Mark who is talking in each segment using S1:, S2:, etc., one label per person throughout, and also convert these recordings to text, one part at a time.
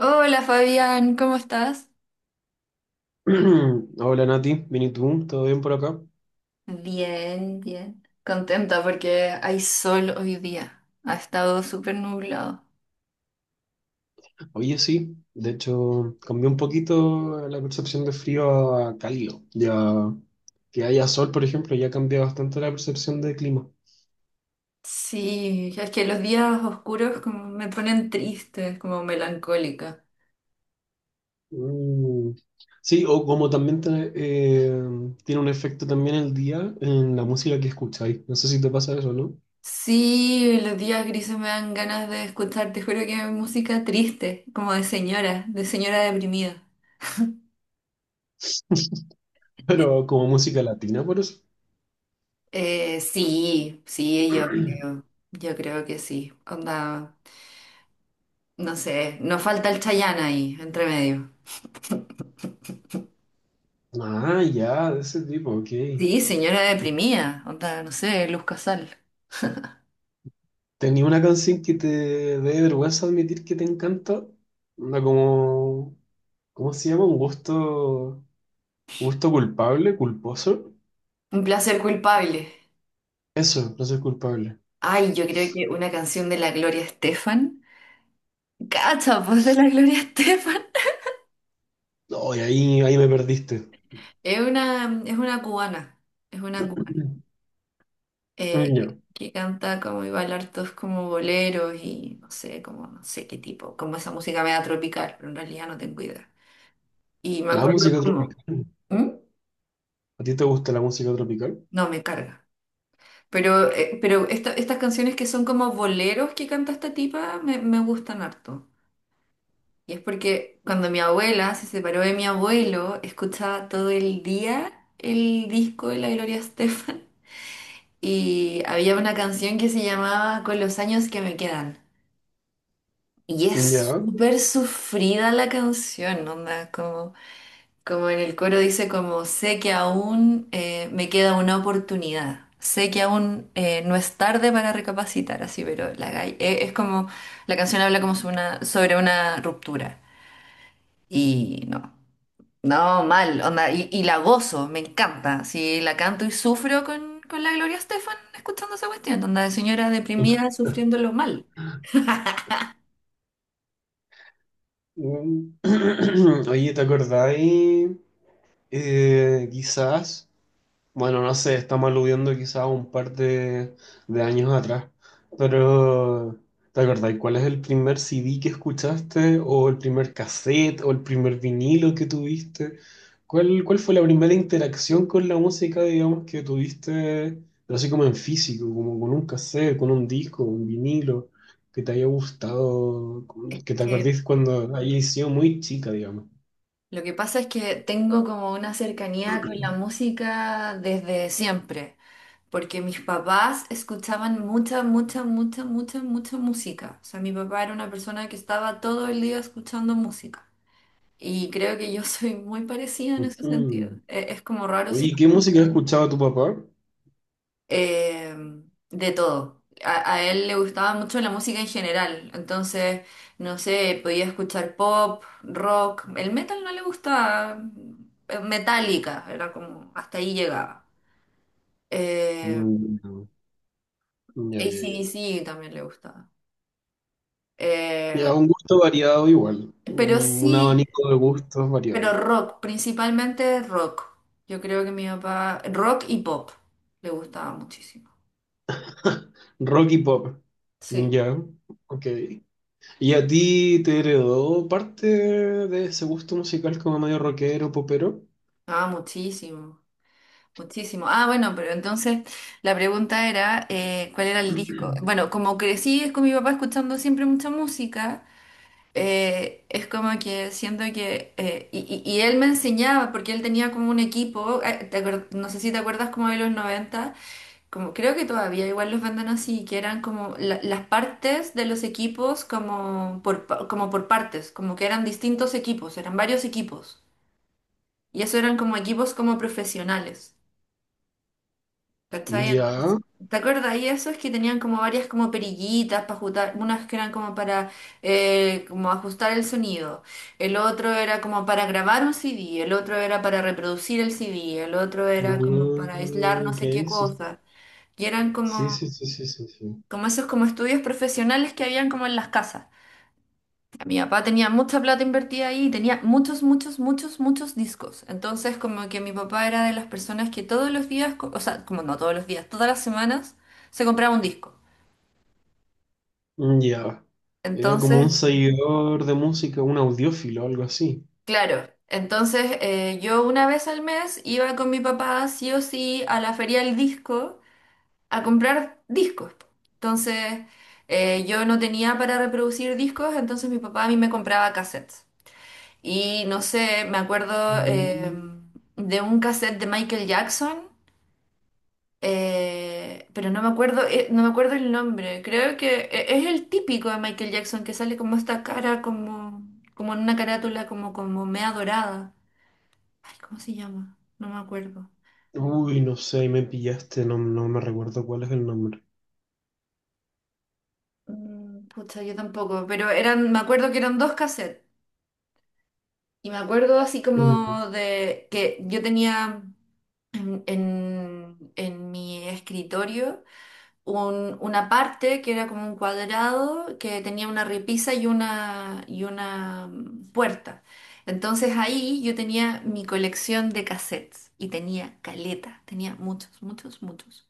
S1: Hola Fabián, ¿cómo estás?
S2: Hola Nati, bien y tú, ¿todo bien por acá?
S1: Bien, bien. Contenta porque hay sol hoy día. Ha estado súper nublado.
S2: Oye, sí, de hecho cambió un poquito la percepción de frío a cálido. Ya que haya sol, por ejemplo, ya cambia bastante la percepción de clima.
S1: Sí, es que los días oscuros como me ponen triste, como melancólica.
S2: Mm. Sí, o como también tiene un efecto también el día en la música que escucháis. No sé si te pasa eso, ¿no?
S1: Sí, los días grises me dan ganas de escuchar, te juro que hay música triste, como de señora deprimida.
S2: Pero como música latina, por eso.
S1: Sí, sí, yo creo que sí. Onda, no sé, no falta el Chayán ahí, entre medio.
S2: Ah, ya, de ese tipo, ok.
S1: Sí, señora deprimida, onda, no sé, Luz Casal.
S2: ¿Tenía una canción que te dé vergüenza admitir que te encanta? Una como, ¿cómo se llama? Un gusto, gusto culpable, culposo.
S1: Un placer culpable.
S2: Eso, no soy culpable.
S1: Ay, yo creo que una canción de la Gloria Estefan. Cacha, pues de la Gloria Estefan.
S2: No, y ahí, ahí me perdiste.
S1: Es una cubana. Es una cubana.
S2: Mm, ya.
S1: Que canta como y baila hartos como boleros y no sé, como no sé qué tipo. Como esa música media tropical, pero en realidad no tengo idea. Y me
S2: La
S1: acuerdo
S2: música
S1: como.
S2: tropical.
S1: ¿Mm?
S2: ¿A ti te gusta la música tropical?
S1: No, me carga. Pero esta- estas canciones que son como boleros que canta esta tipa me, me gustan harto. Y es porque cuando mi abuela se separó de mi abuelo, escuchaba todo el día el disco de la Gloria Estefan. Y había una canción que se llamaba Con los años que me quedan. Y es
S2: Ya.
S1: súper sufrida la canción, onda, como... Como en el coro dice, como sé que aún, me queda una oportunidad, sé que aún, no es tarde para recapacitar, así, pero la gay- e- es como, la canción habla como sobre una ruptura. Y no, no, mal, onda, y la gozo, me encanta. Si la canto y sufro con la Gloria Estefan escuchando esa cuestión, onda de señora deprimida sufriéndolo mal.
S2: Mm. Oye, ¿te acordáis? Quizás. Bueno, no sé, estamos aludiendo quizás a un par de años atrás, pero ¿te acordáis cuál es el primer CD que escuchaste o el primer cassette o el primer vinilo que tuviste? ¿Cuál, cuál fue la primera interacción con la música, digamos, que tuviste, pero así como en físico, como con un cassette, con un disco, un vinilo, que te haya gustado,
S1: Es
S2: que te
S1: que
S2: acordís cuando hayas sido muy chica, digamos?
S1: lo que pasa es que tengo como una cercanía con la música desde siempre. Porque mis papás escuchaban mucha, mucha, mucha, mucha, mucha música. O sea, mi papá era una persona que estaba todo el día escuchando música. Y creo que yo soy muy parecida en ese sentido.
S2: Ujú.
S1: E- Es, como raro
S2: Oye,
S1: si
S2: ¿y
S1: no-
S2: ¿qué música escuchaba tu papá?
S1: eh, de todo. A él le gustaba mucho la música en general. Entonces, no sé, podía escuchar pop, rock. El metal no le gustaba. Metallica, era como hasta ahí llegaba. Eh,
S2: Mm, ya, ya,
S1: d
S2: ya.
S1: c también le gustaba. Eh,
S2: Ya, un gusto variado igual.
S1: Pero
S2: Un
S1: sí,
S2: abanico de gustos
S1: pero
S2: variado.
S1: rock, principalmente rock. Yo creo que mi papá, rock y pop, le gustaba muchísimo.
S2: Rock y pop.
S1: Sí,
S2: Ya, ok. ¿Y a ti te heredó parte de ese gusto musical como medio rockero, popero?
S1: ah, muchísimo, muchísimo. Ah, bueno, pero entonces la pregunta era, ¿cuál era el disco? Bueno, como crecí es con mi papá escuchando siempre mucha música, es como que siento que, y él me enseñaba, porque él tenía como un equipo, te acuer- no sé si te acuerdas como de los noventa. Como, creo que todavía igual los venden así, que eran como la- las partes de los equipos como por, pa- como por partes, como que eran distintos equipos, eran varios equipos. Y eso eran como equipos como profesionales. ¿Cachai?
S2: Ya.
S1: Entonces, ¿te acuerdas? Y esos que tenían como varias como perillitas para ajustar, unas que eran como para como ajustar el sonido, el otro era como para grabar un CD, el otro era para reproducir el CD, el otro era como para aislar
S2: Mm,
S1: no
S2: ok,
S1: sé qué
S2: sí,
S1: cosa. Y eran
S2: sí,
S1: como...
S2: sí, sí, sí, sí, sí.
S1: como esos como estudios profesionales que habían como en las casas. Mi papá tenía mucha plata invertida ahí y tenía muchos, muchos, muchos, muchos discos. Entonces como que mi papá era de las personas que todos los días, co- o sea, como no todos los días, todas las semanas se compraba un disco.
S2: Ya. Era como un
S1: Entonces,
S2: seguidor de música, un audiófilo, algo así.
S1: claro, entonces yo una vez al mes iba con mi papá sí o sí a la feria del disco a comprar discos. Entonces yo no tenía para reproducir discos, entonces mi papá a mí me compraba cassettes. Y no sé, me acuerdo
S2: Mm,
S1: de un cassette de Michael Jackson, pero no me acuerdo, no me acuerdo el nombre. Creo que e- es el típico de Michael Jackson que sale como esta cara, como, como en una carátula, como, como mea dorada. Ay, ¿cómo se llama? No me acuerdo.
S2: uy, no sé, ahí me pillaste, no, no me recuerdo cuál es el nombre.
S1: Pucha, yo tampoco, pero eran, me acuerdo que eran dos cassettes. Y me acuerdo así
S2: Mm,
S1: como de que yo tenía en, en mi escritorio. Un- una parte que era como un cuadrado que tenía una repisa y una, y una puerta. Entonces ahí yo tenía mi colección de cassettes y tenía caleta, tenía muchos, muchos, muchos.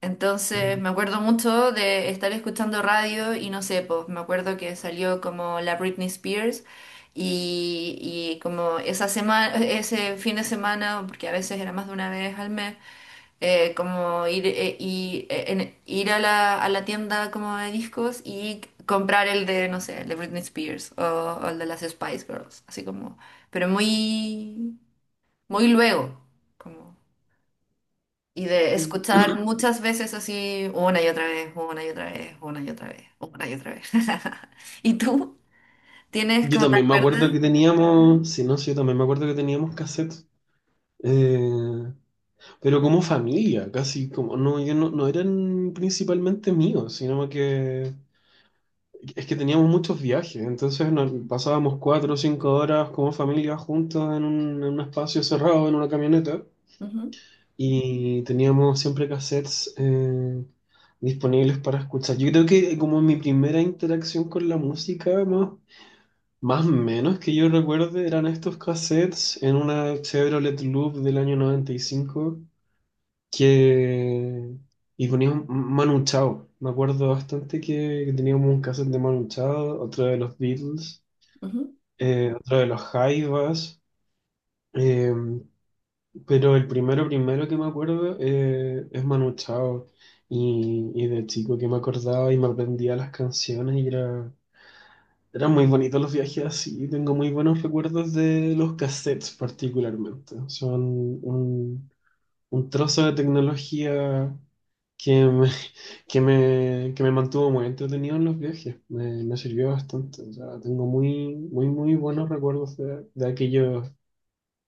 S1: Entonces me acuerdo mucho de estar escuchando radio y no sé, pues me acuerdo que salió como la Britney Spears y, y como esa semana, ese fin de semana, porque a veces era más de una vez al mes, como ir, y, en- ir a la tienda como de discos y comprar el de, no sé, el de Britney Spears o el de las Spice Girls, así como, pero muy, muy luego, como, y de escuchar muchas veces así, una y otra vez, una y otra vez, una y otra vez, una y otra vez. ¿Y tú? ¿Tienes
S2: yo
S1: como te
S2: también me acuerdo
S1: acuerdas?
S2: que teníamos, si no, sí, yo también me acuerdo que teníamos cassettes, eh, pero como familia, casi como, no, yo no, no eran principalmente míos, sino que es que teníamos muchos viajes, entonces nos pasábamos cuatro o cinco horas como familia juntos en un espacio cerrado, en una camioneta,
S1: Ujú,
S2: y teníamos siempre cassettes disponibles para escuchar. Yo creo que como mi primera interacción con la música, más más o menos que yo recuerde eran estos cassettes en una Chevrolet Loop del año 95 que... y ponían Manu Chao. Me acuerdo bastante que teníamos un cassette de Manu Chao, otro de los Beatles,
S1: ujú.
S2: otro de los Jaivas, eh, pero el primero primero que me acuerdo es Manu Chao y de chico que me acordaba y me aprendía las canciones y era... Eran muy bonitos los viajes así, tengo muy buenos recuerdos de los cassettes particularmente. Son un, un trozo de tecnología que me, que me mantuvo muy entretenido en los viajes, me sirvió bastante. O sea, tengo muy, muy, muy buenos recuerdos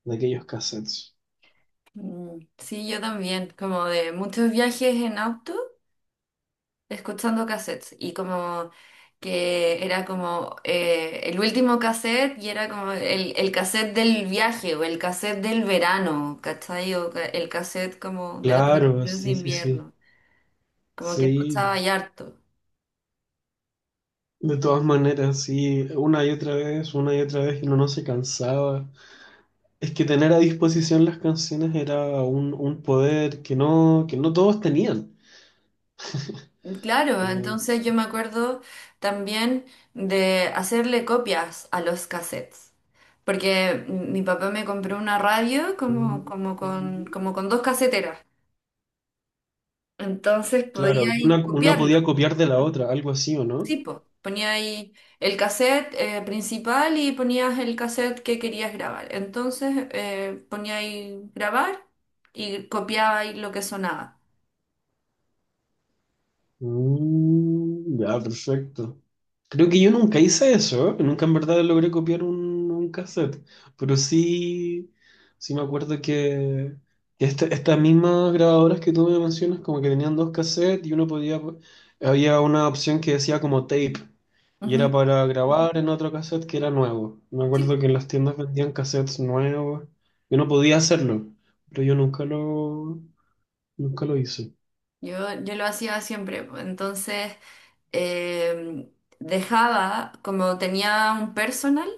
S2: de aquellos cassettes.
S1: Mm, sí, yo también, como de muchos viajes en auto. Escuchando cassettes y como que era como el último cassette y era como el cassette del viaje o el cassette del verano, ¿cachai? O ca- el cassette como de las
S2: Claro,
S1: vacaciones de
S2: sí, sí, sí.
S1: invierno, como que escuchaba
S2: Sí,
S1: y harto.
S2: de todas maneras, sí, una y otra vez, una y otra vez, y uno no se cansaba. Es que tener a disposición las canciones era un poder que no todos tenían.
S1: Claro,
S2: Eh,
S1: entonces yo me acuerdo también de hacerle copias a los cassettes. Porque mi papá me compró una radio como,
S2: mm,
S1: como con dos caseteras. Entonces
S2: claro,
S1: podía
S2: y
S1: ir
S2: una podía
S1: copiarlo.
S2: copiar de la otra, algo así, ¿o no?
S1: Sí, po. Ponía ahí el cassette principal y ponías el cassette que querías grabar. Entonces ponía ahí grabar y copiaba ahí lo que sonaba.
S2: Mm, ya, perfecto. Creo que yo nunca hice eso, ¿eh? Nunca en verdad logré copiar un cassette, pero sí, sí me acuerdo que estas mismas grabadoras que tú me mencionas como que tenían dos cassettes y uno podía, había una opción que decía como tape y era
S1: Ujú.
S2: para grabar en otro cassette que era nuevo. Me acuerdo que en las tiendas vendían cassettes nuevos, yo no podía hacerlo, pero yo nunca lo, nunca lo hice.
S1: Yo, yo lo hacía siempre. Po. Entonces eh, dejaba, como tenía un personal,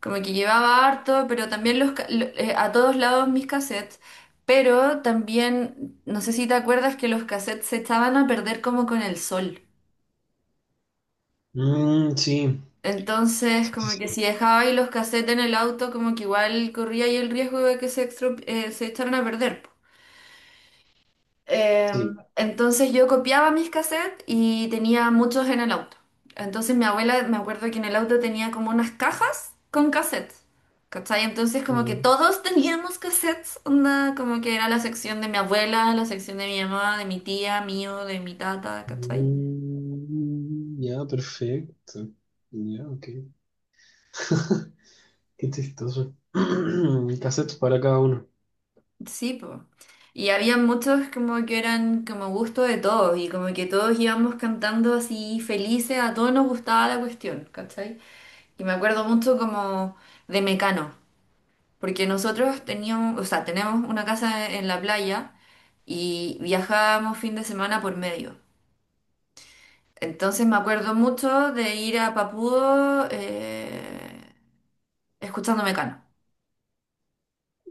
S1: como que llevaba harto, pero también los, ca- lo- a todos lados mis cassettes. Pero también, no sé si te acuerdas que los cassettes se echaban a perder como con el sol.
S2: Mm, sí,
S1: Entonces,
S2: sí, sí,
S1: como que si
S2: sí.
S1: dejaba ahí los cassettes en el auto, como que igual corría ahí el riesgo de que se, extro- se echaran a perder. Po.
S2: Sí.
S1: Entonces yo copiaba mis cassettes y tenía muchos en el auto. Entonces mi abuela, me acuerdo que en el auto tenía como unas cajas con cassettes. ¿Cachai? Entonces como que
S2: Ujú.
S1: todos teníamos cassettes, onda, como que era la sección de mi abuela, la sección de mi mamá, de mi tía, mío, de mi tata, ¿cachai?
S2: Mm, ya, perfecto. Ya, ok. Qué chistoso. Cassettes para cada uno.
S1: Sí, po. Y había muchos como que eran como gusto de todos y como que todos íbamos cantando así felices, a todos nos gustaba la cuestión, ¿cachai? Y me acuerdo mucho como de Mecano, porque nosotros teníamos, o sea, tenemos una casa en la playa y viajábamos fin de semana por medio. Entonces me acuerdo mucho de ir a Papudo escuchando Mecano.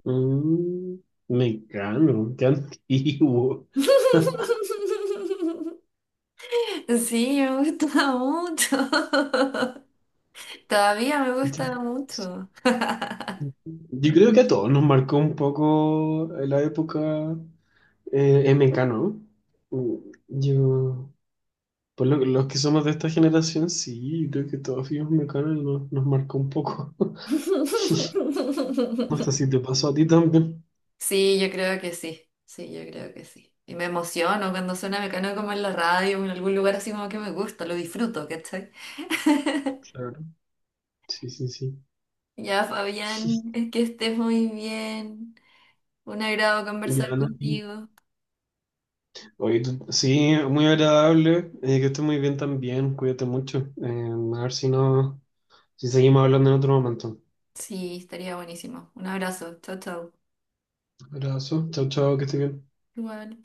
S2: Mm, me cano, qué antiguo.
S1: Sí, me gustaba mucho. Todavía me
S2: Qué
S1: gusta
S2: chistoso.
S1: mucho.
S2: Yo creo que a todos nos marcó un poco la época, MK, ¿no? Mm, yo, por los que somos de esta generación, sí, yo creo que todos fuimos Mecano y nos, nos marcó un poco. No sé si te pasó a ti también.
S1: Sí, yo creo que sí. Sí, yo creo que sí. Y me emociono cuando suena Mecano como en la radio o en algún lugar así como que me gusta, lo disfruto, ¿cachai?
S2: Sí, sí, sí.
S1: Ya, Fabián, es que estés muy bien. Un agrado
S2: Ya,
S1: conversar
S2: Ana, sí.
S1: contigo.
S2: Sí, muy agradable. Que estés muy bien también. Cuídate mucho. A ver si seguimos hablando en otro momento.
S1: Sí, estaría buenísimo. Un abrazo. Chao, chao.
S2: Abrazo. Chao, chao, que estés bien.
S1: Igual.